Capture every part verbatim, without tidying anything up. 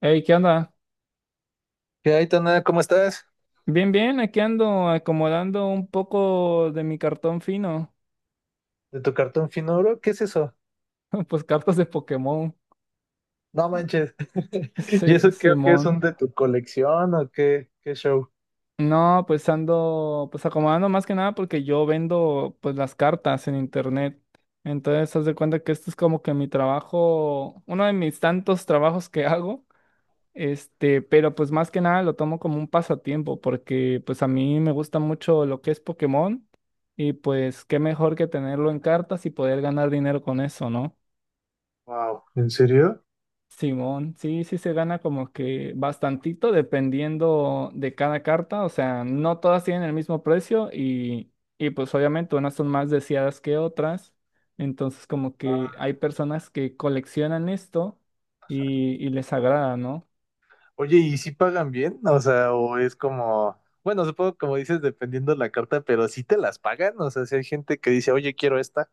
Hey, ¿qué onda? ¿Qué hay, Tana? ¿Cómo estás? Bien, bien, aquí ando acomodando un poco de mi cartón fino. ¿De tu cartón finuro, ¿Qué es eso? Pues cartas de Pokémon. No manches. ¿Y Sí, eso creo que es Simón. un de tu colección o qué, qué show? No, pues ando pues acomodando más que nada porque yo vendo pues las cartas en internet. Entonces, haz de cuenta que esto es como que mi trabajo, uno de mis tantos trabajos que hago. Este, pero pues más que nada lo tomo como un pasatiempo porque pues a mí me gusta mucho lo que es Pokémon y pues qué mejor que tenerlo en cartas y poder ganar dinero con eso, ¿no? Wow. ¿En serio? Simón, sí, sí se gana como que bastantito dependiendo de cada carta, o sea, no todas tienen el mismo precio y, y pues obviamente unas son más deseadas que otras, entonces como que hay Ah. personas que coleccionan esto y, y les agrada, ¿no? Oye, ¿y si pagan bien? O sea, o es como, bueno, supongo como dices, dependiendo la carta, pero si te las pagan, o sea, si hay gente que dice, oye, quiero esta.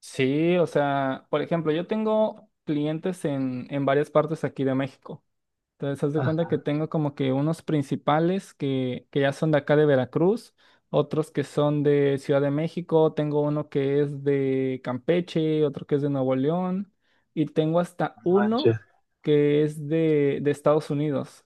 Sí, o sea, por ejemplo, yo tengo clientes en, en varias partes aquí de México. Entonces, haz de cuenta Ah, que tengo como que unos principales que, que ya son de acá de Veracruz, otros que son de Ciudad de México, tengo uno que es de Campeche, otro que es de Nuevo León, y tengo hasta no manches. uno que es de, de Estados Unidos.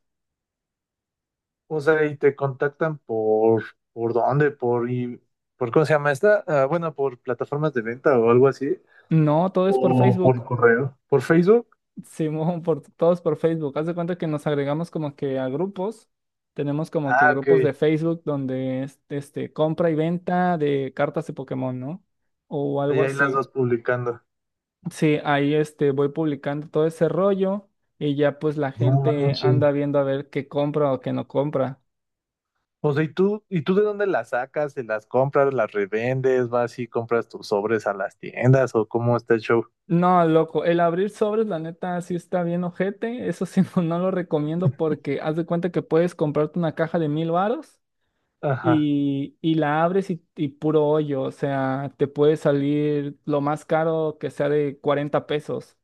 O sea, y te contactan por, ¿por dónde? Por, y, ¿por cómo se llama esta? Ah, bueno, por plataformas de venta o algo así. No, todo es por O por Facebook. correo. ¿Por Facebook? Simón, por, todos por Facebook. Haz de cuenta que nos agregamos como que a grupos. Tenemos como que Ah, ok. grupos de Facebook donde es, este, compra y venta de cartas de Pokémon, ¿no? O Y algo ahí las así. vas publicando. Sí, ahí este, voy publicando todo ese rollo y ya pues la No gente manches. anda viendo a ver qué compra o qué no compra. O sea, ¿y tú, y tú de dónde las sacas? ¿Te las compras, las revendes? ¿Vas y compras tus sobres a las tiendas? ¿O cómo está el show? No, loco, el abrir sobres, la neta, sí está bien ojete. Eso sí, no, no lo recomiendo porque haz de cuenta que puedes comprarte una caja de mil varos Ajá. y, y la abres y, y puro hoyo, o sea, te puede salir lo más caro que sea de cuarenta pesos.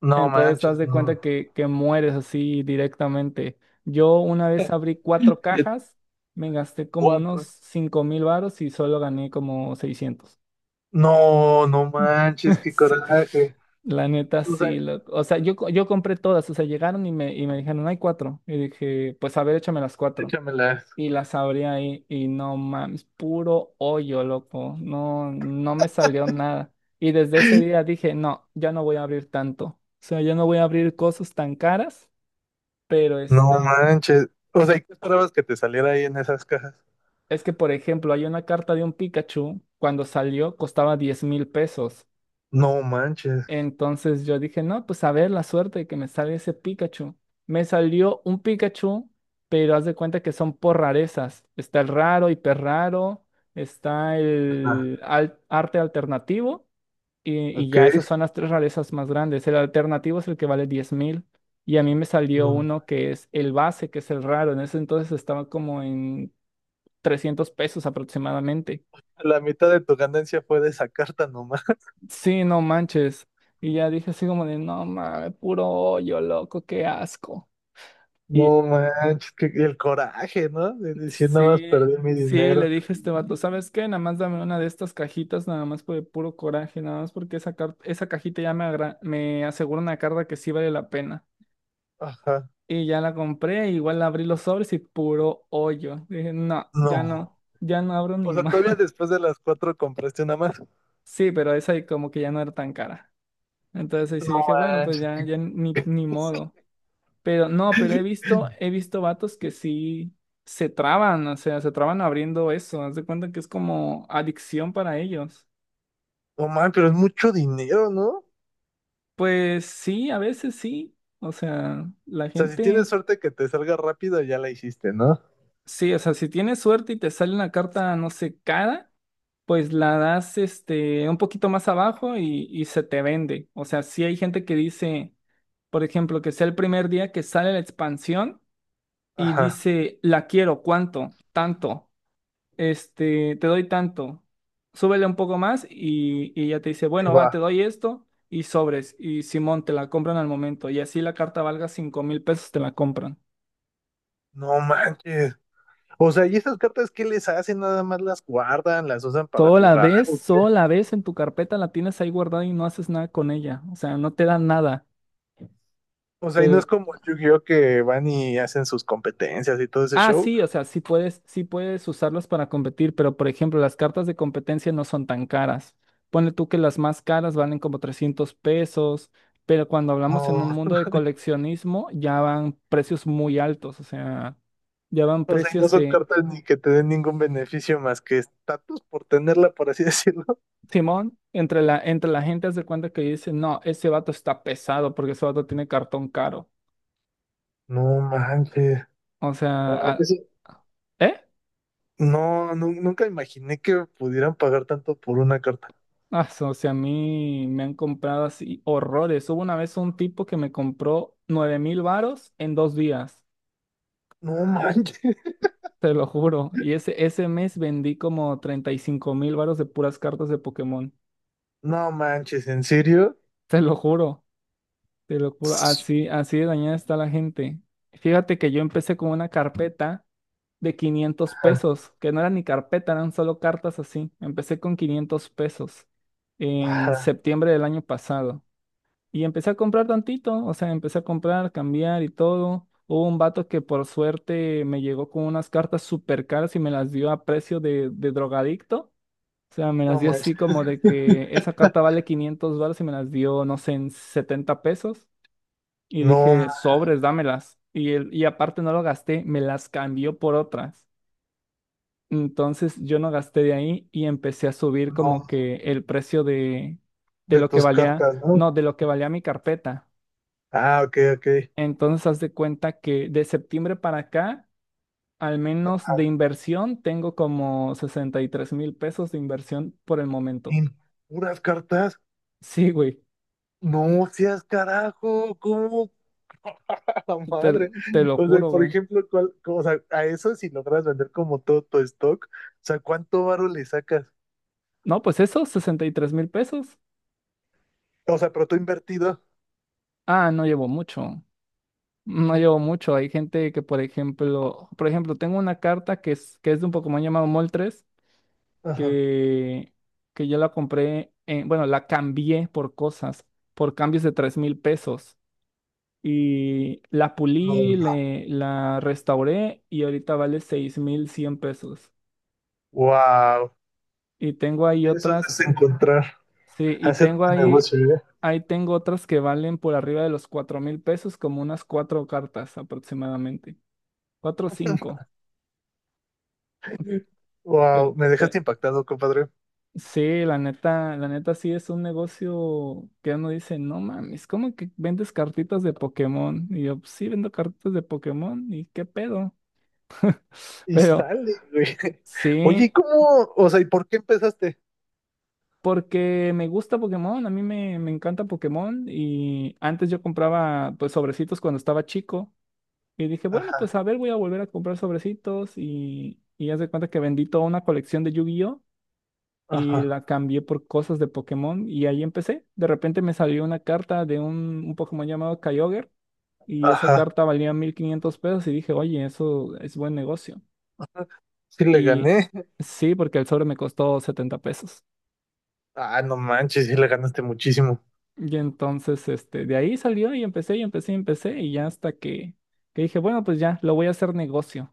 No Entonces, haz manches, de no. cuenta que, que mueres así directamente. Yo una vez abrí cuatro cajas, me gasté como unos Cuatro. cinco mil varos y solo gané como seiscientos. No, no Mm. manches, qué Sí. coraje. La neta, O sea, sí. Loco. O sea, yo, co- yo compré todas, o sea, llegaron y me, y me dijeron, "No hay cuatro". Y dije, pues a ver, échame las cuatro. échamelas. Y las abrí ahí y no mames, puro hoyo, loco. No, no me salió nada. Y desde ese día dije, no, ya no voy a abrir tanto. O sea, ya no voy a abrir cosas tan caras. Pero No este, manches. O sea, ¿y qué esperabas que te saliera ahí en esas cajas? es que por ejemplo, hay una carta de un Pikachu, cuando salió costaba diez mil pesos. No manches. Entonces yo dije, no, pues a ver la suerte de que me salga ese Pikachu. Me salió un Pikachu, pero haz de cuenta que son por rarezas. Está el raro, hiper raro, está ¿Ah? el al- arte alternativo y, y Ok. ya esas son las tres rarezas más grandes. El alternativo es el que vale diez mil y a mí me salió No. uno que es el base, que es el raro. En ese entonces estaba como en trescientos pesos aproximadamente. La mitad de tu ganancia fue de esa carta nomás. Sí, no manches. Y ya dije así como de, no mames, puro hoyo, loco, qué asco. No Y manches, que que el coraje, ¿no? De decir nada más sí, perdí mi sí, le dinero. dije a este vato, ¿sabes qué? Nada más dame una de estas cajitas, nada más por el puro coraje, nada más porque esa, car- esa cajita ya me, agra- me asegura una carga que sí vale la pena. Ajá. Y ya la compré, igual abrí los sobres y puro hoyo. Dije, no, ya no, No. ya no abro O ni sea, más. todavía después de las cuatro compraste una más. Sí, pero esa como que ya no era tan cara. Entonces ahí sí No dije, bueno, pues manches, ya, que- ya ni, ni modo. Pero no, pero he visto, he visto vatos que sí se traban, o sea, se traban abriendo eso. Haz de cuenta que es como adicción para ellos. no manches, pero es mucho dinero, ¿no? O Pues sí, a veces sí. O sea, la sea, si gente, tienes suerte que te salga rápido, ya la hiciste, ¿no? sí, o sea, si tienes suerte y te sale una carta, no sé, cara, pues la das este un poquito más abajo y, y se te vende. O sea, sí hay gente que dice, por ejemplo, que sea el primer día que sale la expansión y Ajá. dice, la quiero, ¿cuánto? Tanto. Este, te doy tanto, súbele un poco más y, y ya te dice, Ahí bueno, va. va, te doy esto y sobres, y Simón, te la compran al momento, y así la carta valga cinco mil pesos, te la compran. No manches. O sea, ¿y esas cartas qué les hacen? Nada más las guardan, las usan para Solo la jugar, ves, ¿o qué? solo la ves en tu carpeta, la tienes ahí guardada y no haces nada con ella, o sea, no te da nada. O sea, y no es como Yu-Gi-Oh que van y hacen sus competencias y todo ese Ah, show. sí, o sea, sí puedes, sí puedes usarlas para competir, pero por ejemplo, las cartas de competencia no son tan caras. Ponle tú que las más caras valen como trescientos pesos, pero cuando hablamos en un No. mundo de coleccionismo ya van precios muy altos, o sea, ya van O sea, y no precios son de. cartas ni que te den ningún beneficio más que estatus por tenerla, por así decirlo. Simón, entre la, entre la gente haz de cuenta que dice, no, ese vato está pesado porque ese vato tiene cartón caro. No manches. O sea, Wow, ah, eso- ¿eh? no, nu- nunca imaginé que pudieran pagar tanto por una carta. Ah, so- o sea, a mí me han comprado así horrores. Hubo una vez un tipo que me compró nueve mil varos en dos días, No manches. te lo juro. Y ese, ese mes vendí como treinta y cinco mil varos de puras cartas de Pokémon. No manches, ¿en serio? Te lo juro, te lo juro. Así, así de dañada está la gente. Fíjate que yo empecé con una carpeta de quinientos Ajá, pesos, que no era ni carpeta, eran solo cartas así. Empecé con quinientos pesos en ajá. septiembre del año pasado. Y empecé a comprar tantito, o sea, empecé a comprar, cambiar y todo. Hubo un vato que por suerte me llegó con unas cartas súper caras y me las dio a precio de, de drogadicto. O sea, me las No dio manches. así como de que esa carta vale quinientos dólares y me las dio, no sé, en setenta pesos. Y No, dije, sobres, dámelas. Y, él- y aparte no lo gasté, me las cambió por otras. Entonces yo no gasté de ahí y empecé a subir no. como que el precio de, de De lo que tus valía, cartas, ¿no? no, de lo que valía mi carpeta. Ah, ok, ok. Entonces, haz de cuenta que de septiembre para acá, al menos de Ajá. inversión, tengo como sesenta y tres mil pesos de inversión por el momento. ¿En puras cartas? Sí, güey, No seas carajo. ¿Cómo? La te, madre. te lo O sea, juro, por güey. ejemplo, ¿cuál, cómo- o sea, a eso si logras vender como todo tu stock, o sea, ¿cuánto varo le sacas? No, pues eso, sesenta y tres mil pesos. O sea, pero tú invertido. Ah, no llevo mucho. No llevo mucho. Hay gente que, por ejemplo, por ejemplo, tengo una carta que es, que es de un Pokémon llamado Moltres, Ajá. que, que yo la compré, en- bueno, la cambié por cosas, por cambios de tres mil pesos. Y la pulí, le- la restauré y ahorita vale seis mil cien pesos. Wow. Y tengo ahí Eso otras, es encontrar, sí, y hacer tengo un ahí, negocio, ¿eh? ahí tengo otras que valen por arriba de los cuatro mil pesos, como unas cuatro cartas aproximadamente. Cuatro o cinco. Pero- Wow, me pe- dejaste impactado, compadre. sí, la neta, la neta, sí es un negocio que uno dice, no mames, ¿cómo que vendes cartitas de Pokémon? Y yo, "Pues sí, vendo cartitas de Pokémon, ¿y qué pedo? Y Pero... sale, güey. Oye, ¿y Sí, cómo? O sea, ¿y por qué empezaste? porque me gusta Pokémon, a mí me, me encanta Pokémon y antes yo compraba pues sobrecitos cuando estaba chico y dije, bueno, Ajá, pues a ver, voy a volver a comprar sobrecitos y, y haz de cuenta que vendí toda una colección de Yu-Gi-Oh ajá, y la cambié por cosas de Pokémon y ahí empecé. De repente me salió una carta de un, un Pokémon llamado Kyogre y esa ajá. carta valía mil quinientos pesos y dije, oye, eso es buen negocio. Sí le Y gané. sí, porque el sobre me costó setenta pesos. Ah, no manches, sí le ganaste muchísimo. Y entonces, este, de ahí salió y empecé y empecé y empecé y ya hasta que, que dije, bueno, pues ya, lo voy a hacer negocio.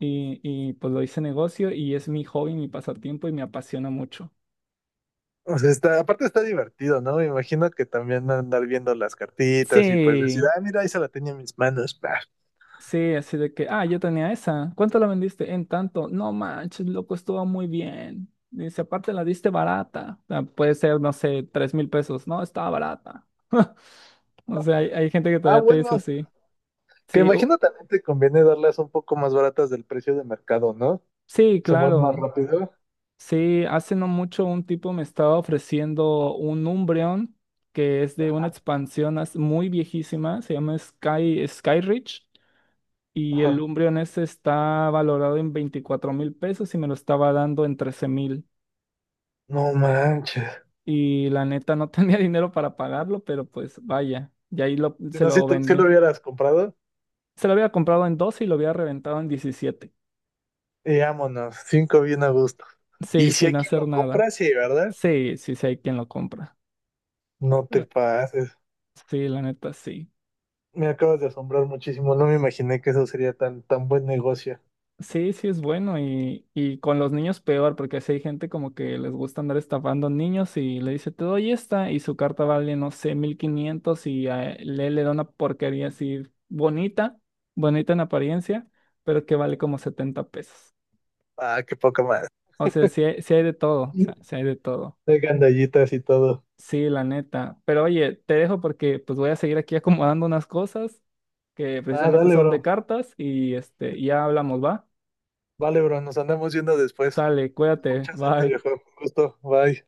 Y, y pues lo hice negocio y es mi hobby, mi pasatiempo y me apasiona mucho. O sea, está, aparte está divertido, ¿no? Me imagino que también andar viendo las cartitas y pues decir, Sí, ah, mira, ahí se la tenía en mis manos, pa". sí, así de que, ah, yo tenía esa. ¿Cuánto la vendiste? En tanto. No manches, loco, estuvo muy bien. Dice, aparte la diste barata. O sea, puede ser, no sé, tres mil pesos. No, estaba barata. O sea, hay, hay gente que Ah, todavía te dice bueno, así. que Sí, o- imagino también te conviene darlas un poco más baratas del precio de mercado, ¿no? sí, Se mueven más claro. rápido. Sí, hace no mucho un tipo me estaba ofreciendo un Umbreon que es de una expansión as- muy viejísima, se llama Sky, Skyreach, y el Ajá. Umbreon ese está valorado en veinticuatro mil pesos y me lo estaba dando en trece mil. No manches. Y la neta no tenía dinero para pagarlo, pero pues vaya, y ahí lo, Si se no, si, lo tú- si lo vendió. hubieras comprado, Se lo había comprado en doce y lo había reventado en diecisiete. y vámonos, cinco bien a gusto. Y Sí, si sin hay quien hacer lo nada. compra, sí, ¿verdad? Sí, sí, sí hay quien lo compra. No te Eh, pases. Sí, la neta, sí. Me acabas de asombrar muchísimo. No me imaginé que eso sería tan, tan buen negocio. Sí, sí es bueno y, y con los niños peor, porque si hay gente como que les gusta andar estafando niños y le dice, te doy esta y su carta vale, no sé, mil quinientos y a él le da una porquería así bonita, bonita en apariencia, pero que vale como setenta pesos. Ah, qué poca madre. O sea, sí hay, sí hay de todo, o sea, sí hay de todo. De gandallitas y todo. Sí, la neta. Pero oye, te dejo porque pues voy a seguir aquí acomodando unas cosas que Ah, precisamente dale, son de bro. cartas y este, ya hablamos, ¿va? Vale, bro. Nos andamos viendo después. Sale, cuídate, Mucha suerte, bye. viejo. Un gusto. Bye.